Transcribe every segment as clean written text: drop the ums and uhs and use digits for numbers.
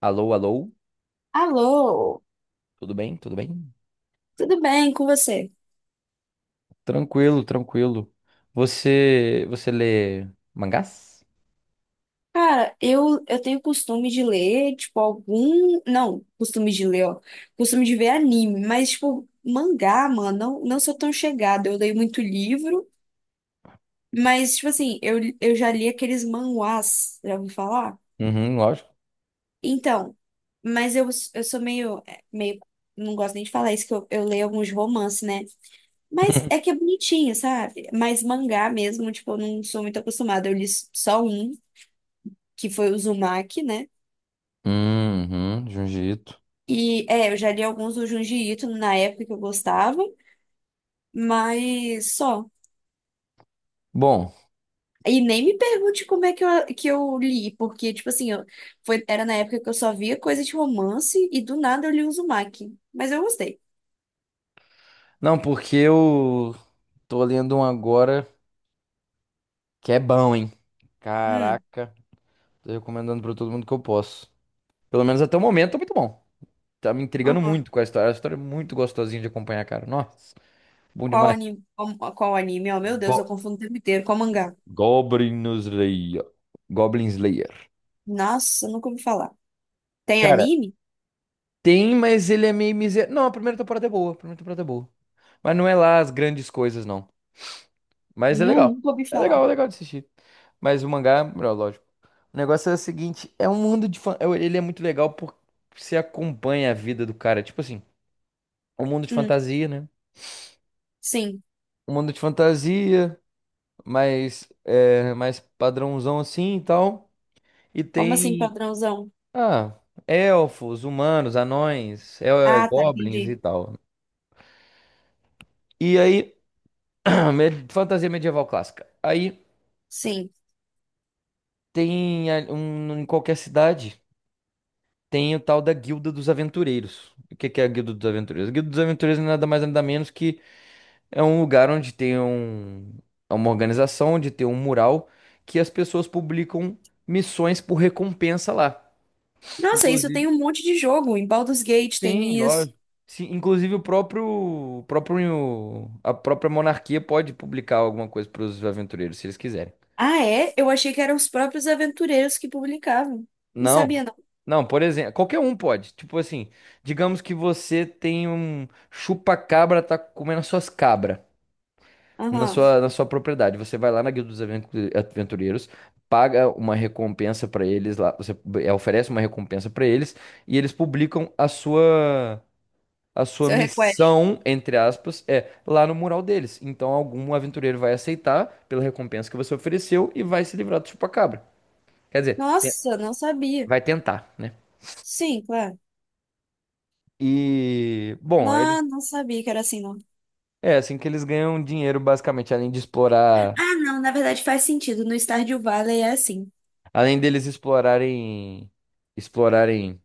Alô, alô, Alô, tudo bem? Tudo bem? tudo bem com você? Tranquilo, tranquilo. Você lê mangás? Cara, eu tenho costume de ler, tipo, algum. Não, costume de ler, ó. Costume de ver anime, mas, tipo, mangá, mano, não sou tão chegada. Eu leio muito livro, mas, tipo assim, eu já li aqueles manhwas, já ouviu falar? Uhum, lógico. Então, mas eu sou meio, meio. Não gosto nem de falar isso, que eu leio alguns romances, né? Mas é que é bonitinho, sabe? Mas mangá mesmo, tipo, eu não sou muito acostumada. Eu li só um, que foi o Uzumaki, né? Uhum, Jiu-Jitsu. E é, eu já li alguns do Junji Ito na época que eu gostava, mas só. Bom, E nem me pergunte como é que eu li, porque, tipo assim, eu, foi, era na época que eu só via coisa de romance e do nada eu li o Uzumaki. Mas eu gostei. não, porque eu tô lendo um agora que é bom, hein? Hum, Caraca, tô recomendando pra todo mundo que eu posso. Pelo menos até o momento, tá muito bom. Tá me intrigando aham. muito com a história. A história é muito gostosinha de acompanhar, cara. Nossa, bom Qual demais. anime? Qual anime? Oh, meu Deus, eu Go confundo o tempo inteiro. Qual mangá? Goblin Slayer. Goblin Slayer. Nossa, eu nunca ouvi falar. Tem Cara, anime? tem, mas ele é meio miserável. Não, a primeira temporada é boa, a primeira temporada é boa. Mas não é lá as grandes coisas, não. Mas é legal. Nunca ouvi É falar. legal, é legal de assistir. Mas o mangá é melhor, lógico. O negócio é o seguinte, é um mundo de Ele é muito legal porque você acompanha a vida do cara. Tipo assim, um mundo de Hum, fantasia, né? sim. Um mundo de fantasia, mais padrãozão assim e tal. E Como assim, tem. padrãozão? Ah, elfos, humanos, anões, Ah, tá, goblins e entendi. tal. E aí. Fantasia medieval clássica. Aí Sim. tem em qualquer cidade tem o tal da Guilda dos Aventureiros. O que que é a Guilda dos Aventureiros? A Guilda dos Aventureiros é nada mais nada menos que é um lugar onde tem é uma organização, onde tem um mural que as pessoas publicam missões por recompensa lá. Nossa, isso tem Inclusive, um monte de jogo. Em Baldur's Gate sim, tem isso. lógico. Sim, inclusive a própria monarquia pode publicar alguma coisa para os aventureiros, se eles quiserem. Ah, é? Eu achei que eram os próprios aventureiros que publicavam. Não Não. sabia, não. Não, por exemplo, qualquer um pode. Tipo assim, digamos que você tem um chupa-cabra, tá comendo as suas cabras na Aham. sua, na sua propriedade. Você vai lá na Guilda dos Aventureiros, paga uma recompensa pra eles lá, oferece uma recompensa pra eles e eles publicam a sua Seu request. missão, entre aspas, é lá no mural deles. Então algum aventureiro vai aceitar pela recompensa que você ofereceu e vai se livrar do chupa-cabra. Quer dizer, Nossa, não sabia. vai tentar, né? Sim, claro. E, bom, eles Não, não sabia que era assim, não. é assim que eles ganham dinheiro, basicamente, além de explorar, Ah, não, na verdade faz sentido. No Stardew Valley é assim. além deles explorarem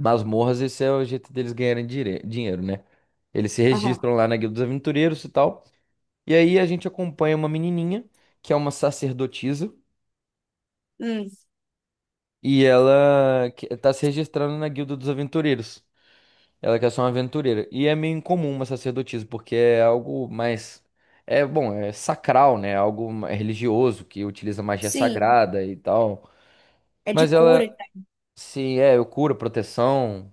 masmorras, esse é o jeito deles ganharem dinheiro, né? Eles se Aham. registram lá na Guilda dos Aventureiros e tal. E aí a gente acompanha uma menininha, que é uma sacerdotisa, Hum, e ela tá se registrando na Guilda dos Aventureiros. Ela quer ser uma aventureira. E é meio incomum uma sacerdotisa, porque é algo mais. É, bom, é sacral, né? É algo religioso, que utiliza magia sim. sagrada e tal. É de Mas cura ela e tal. se eu curo, proteção,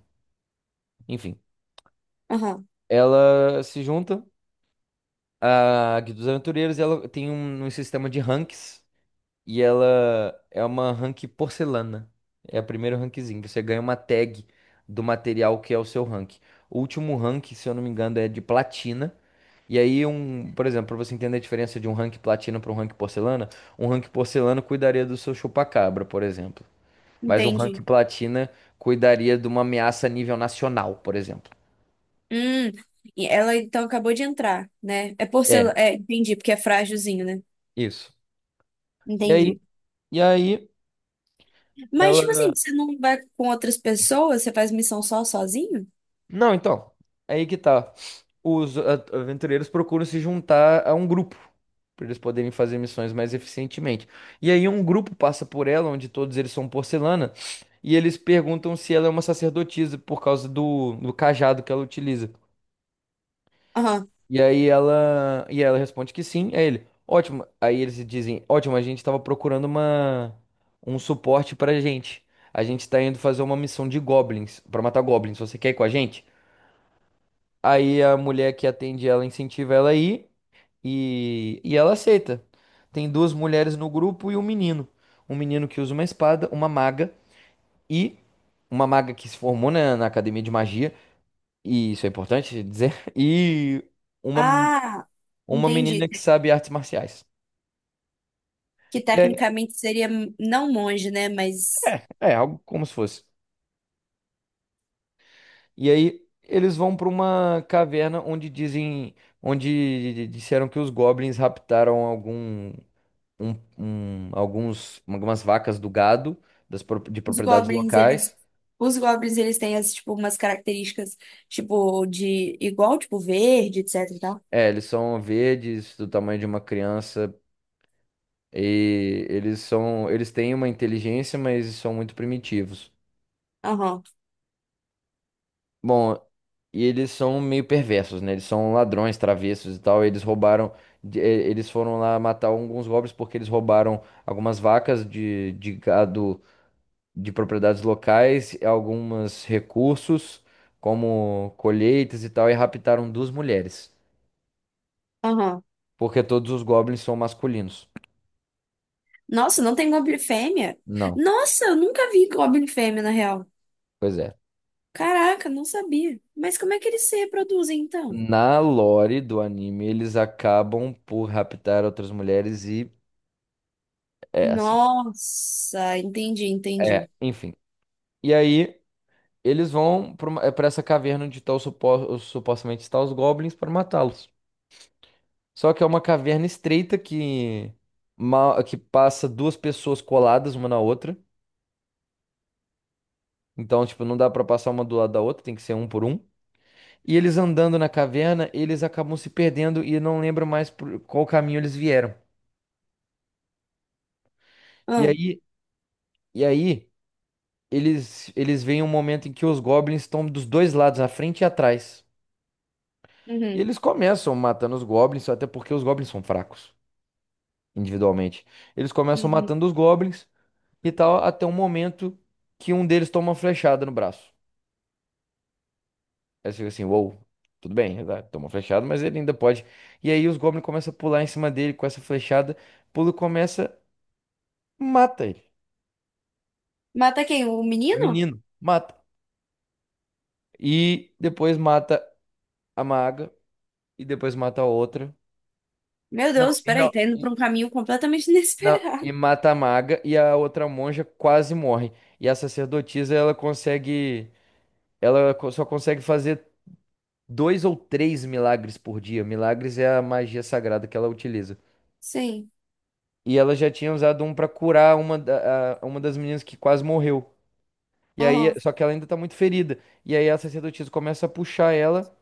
enfim. Aham. Ela se junta à Guilda dos Aventureiros e ela tem um sistema de ranks. E ela é uma rank porcelana. É o primeiro rankzinho. Você ganha uma tag do material que é o seu rank. O último rank, se eu não me engano, é de platina. E aí, por exemplo, para você entender a diferença de um rank platina para um rank porcelana cuidaria do seu chupacabra, por exemplo. Mas um ranking Entendi. platina cuidaria de uma ameaça a nível nacional, por exemplo. Hum. E ela então acabou de entrar, né? É É, porcelana. É, entendi, porque é frágilzinho, né? isso. E aí, Entendi. e aí Mas, tipo assim, ela. você não vai com outras pessoas? Você faz missão só sozinho? Não, então. Aí que tá. Os aventureiros procuram se juntar a um grupo para eles poderem fazer missões mais eficientemente. E aí um grupo passa por ela, onde todos eles são porcelana, e eles perguntam se ela é uma sacerdotisa por causa do cajado que ela utiliza. Aham. E aí ela responde que sim, é ele. Ótimo. Aí eles dizem, ótimo, a gente estava procurando uma um suporte pra gente. A gente está indo fazer uma missão de goblins, pra matar goblins. Você quer ir com a gente? Aí a mulher que atende ela incentiva ela a ir e ela aceita. Tem duas mulheres no grupo e um menino. Um menino que usa uma espada, e uma maga que se formou na academia de magia, e isso é importante dizer, e uma Ah, Uma menina entendi. que sabe artes marciais. Que E aí, tecnicamente seria não monge, né? Mas algo como se fosse. E aí eles vão para uma caverna onde disseram que os goblins raptaram algumas vacas do gado, de os propriedades goblins, eles. locais. Os goblins, eles têm as, tipo, umas características, tipo, de igual, tipo, verde, etc e tal. É, eles são verdes, do tamanho de uma criança, e eles têm uma inteligência, mas são muito primitivos. Aham, Bom, e eles são meio perversos, né? Eles são ladrões, travessos e tal. Eles roubaram. Eles foram lá matar alguns goblins porque eles roubaram algumas vacas de gado de propriedades locais, alguns recursos, como colheitas e tal, e raptaram duas mulheres. aham. Porque todos os goblins são masculinos. Nossa, não tem goblin fêmea? Não, Nossa, eu nunca vi goblin fêmea, na real. pois é. Caraca, não sabia. Mas como é que eles se reproduzem, então? Na lore do anime, eles acabam por raptar outras mulheres e é assim. Nossa, entendi, É, entendi. enfim. E aí. Eles vão para essa caverna onde tá o supostamente estão os goblins para matá-los. Só que é uma caverna estreita que passa duas pessoas coladas uma na outra. Então, tipo, não dá para passar uma do lado da outra, tem que ser um por um. E eles andando na caverna, eles acabam se perdendo e não lembram mais por qual caminho eles vieram. E aí, e aí eles veem um momento em que os goblins estão dos dois lados, à frente e atrás. E Uhum, eles começam matando os goblins, até porque os goblins são fracos, individualmente. Eles começam uhum. matando os goblins e tal, até um momento que um deles toma uma flechada no braço. Aí você fica assim, uou, tudo bem, ele toma uma flechada, mas ele ainda pode. E aí os goblins começam a pular em cima dele com essa flechada, pula e começa, mata ele. Mata quem? O O menino? menino, mata. E depois mata a maga, e depois mata a outra. Meu Não, Deus, e peraí, não. tá indo pra um caminho completamente Não, e inesperado. mata a maga e a outra monja quase morre. E a sacerdotisa, ela consegue ela co- só consegue fazer dois ou três milagres por dia. Milagres é a magia sagrada que ela utiliza. Sim. E ela já tinha usado um pra curar uma das meninas que quase morreu. E aí, Aham. só que ela ainda tá muito ferida. E aí a sacerdotisa começa a puxar ela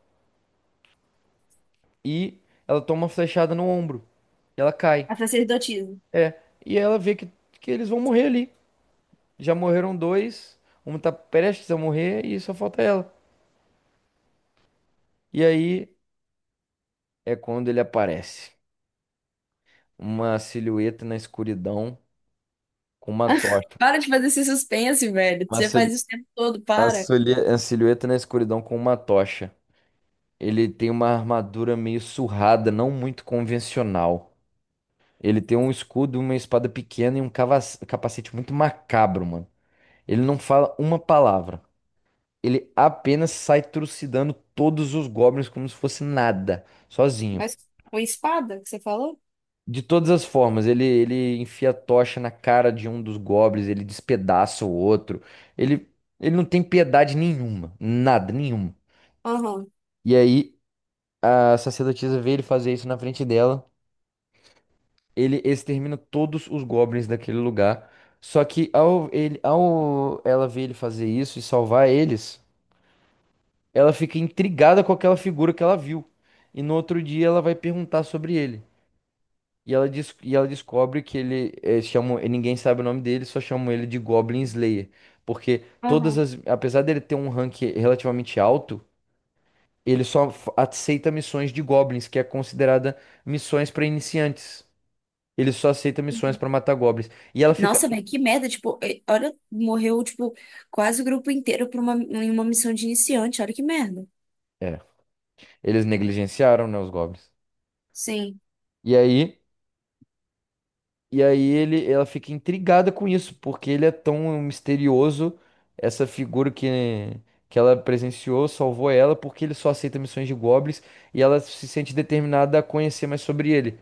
e ela toma uma flechada no ombro. E ela cai. A sacerdotisa. É. E ela vê que eles vão morrer ali. Já morreram dois, um tá prestes a morrer e só falta ela. E aí é quando ele aparece. Uma silhueta na escuridão com uma tocha. Para de fazer esse suspense, velho. Uma, Você sil- faz isso o tempo todo, A, para. solhe- a silhueta na escuridão com uma tocha. Ele tem uma armadura meio surrada, não muito convencional. Ele tem um escudo, uma espada pequena e um capacete muito macabro, mano. Ele não fala uma palavra. Ele apenas sai trucidando todos os goblins como se fosse nada, sozinho. Mas com espada que você falou? De todas as formas, ele enfia a tocha na cara de um dos goblins, ele despedaça o outro. Ele, ele não tem piedade nenhuma, nada, nenhuma. Aham. E aí, a sacerdotisa vê ele fazer isso na frente dela. Ele extermina todos os goblins daquele lugar. Só que ao, ao ela ver ele fazer isso e salvar eles, ela fica intrigada com aquela figura que ela viu. E no outro dia ela vai perguntar sobre ele. E ela descobre que ele é, chamam, e ninguém sabe o nome dele, só chamam ele de Goblin Slayer. Porque todas Aham. as. Apesar dele ter um rank relativamente alto, ele só aceita missões de goblins, que é considerada missões para iniciantes. Ele só aceita missões Uhum. pra matar goblins. E ela fica. Nossa, velho, que merda. Tipo, olha, morreu, tipo, quase o grupo inteiro por uma, em uma missão de iniciante. Olha que merda. É, eles negligenciaram, né, os goblins. Sim. E aí, e aí ela fica intrigada com isso, porque ele é tão misterioso, essa figura que ela presenciou, salvou ela, porque ele só aceita missões de goblins e ela se sente determinada a conhecer mais sobre ele.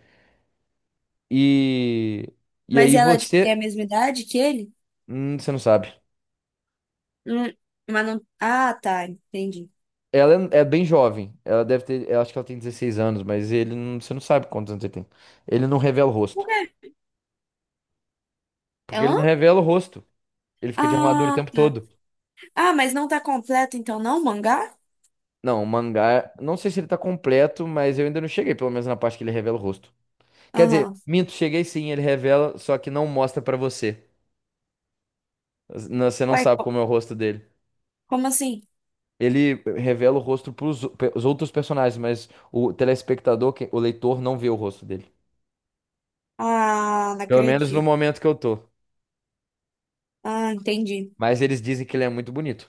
E, e Mas aí ela, tipo, tem a você. mesma idade que ele? Você não sabe. Hum, mas não. Ah, tá, entendi. Ela é bem jovem. Ela deve ter. Eu acho que ela tem 16 anos, mas ele não, você não sabe quantos anos ele tem. Ele não revela o Por rosto. quê? Porque ele não Ela? revela o rosto. Ele fica de armadura o Ah, tempo tá. todo. Ah, mas não tá completo então, não, o mangá? Não, o mangá, não sei se ele tá completo, mas eu ainda não cheguei, pelo menos na parte que ele revela o rosto. Quer dizer, Aham. minto, cheguei sim, ele revela, só que não mostra pra você. Você não Ué, sabe co- como é o rosto dele. como assim? Ele revela o rosto pros os outros personagens, mas o telespectador, o leitor, não vê o rosto dele. Ah, não Pelo menos no acredito. momento que eu tô. Ah, entendi. Mas eles dizem que ele é muito bonito.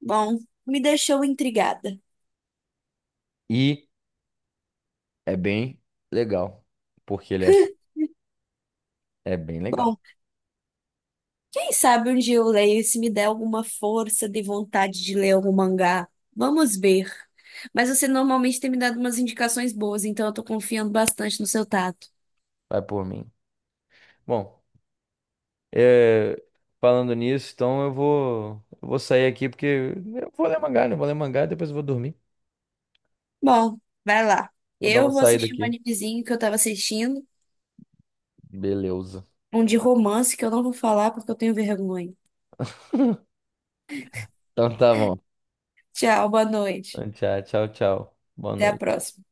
Bom, me deixou intrigada. E é bem legal. Porque ele é assim. É bem legal. Bom, quem sabe um dia eu leio e se me der alguma força de vontade de ler algum mangá. Vamos ver. Mas você normalmente tem me dado umas indicações boas, então eu tô confiando bastante no seu tato. Vai por mim. Bom. É, falando nisso, então eu vou sair aqui porque eu vou ler mangá, né? Eu vou ler mangá e depois eu vou dormir. Bom, vai lá. Vou dar Eu uma vou saída assistir um aqui. animezinho que eu tava assistindo, Beleza. um de romance que eu não vou falar porque eu tenho vergonha. Então tá bom. Tchau, boa noite. Tchau, tchau, tchau. Boa Até a noite. próxima.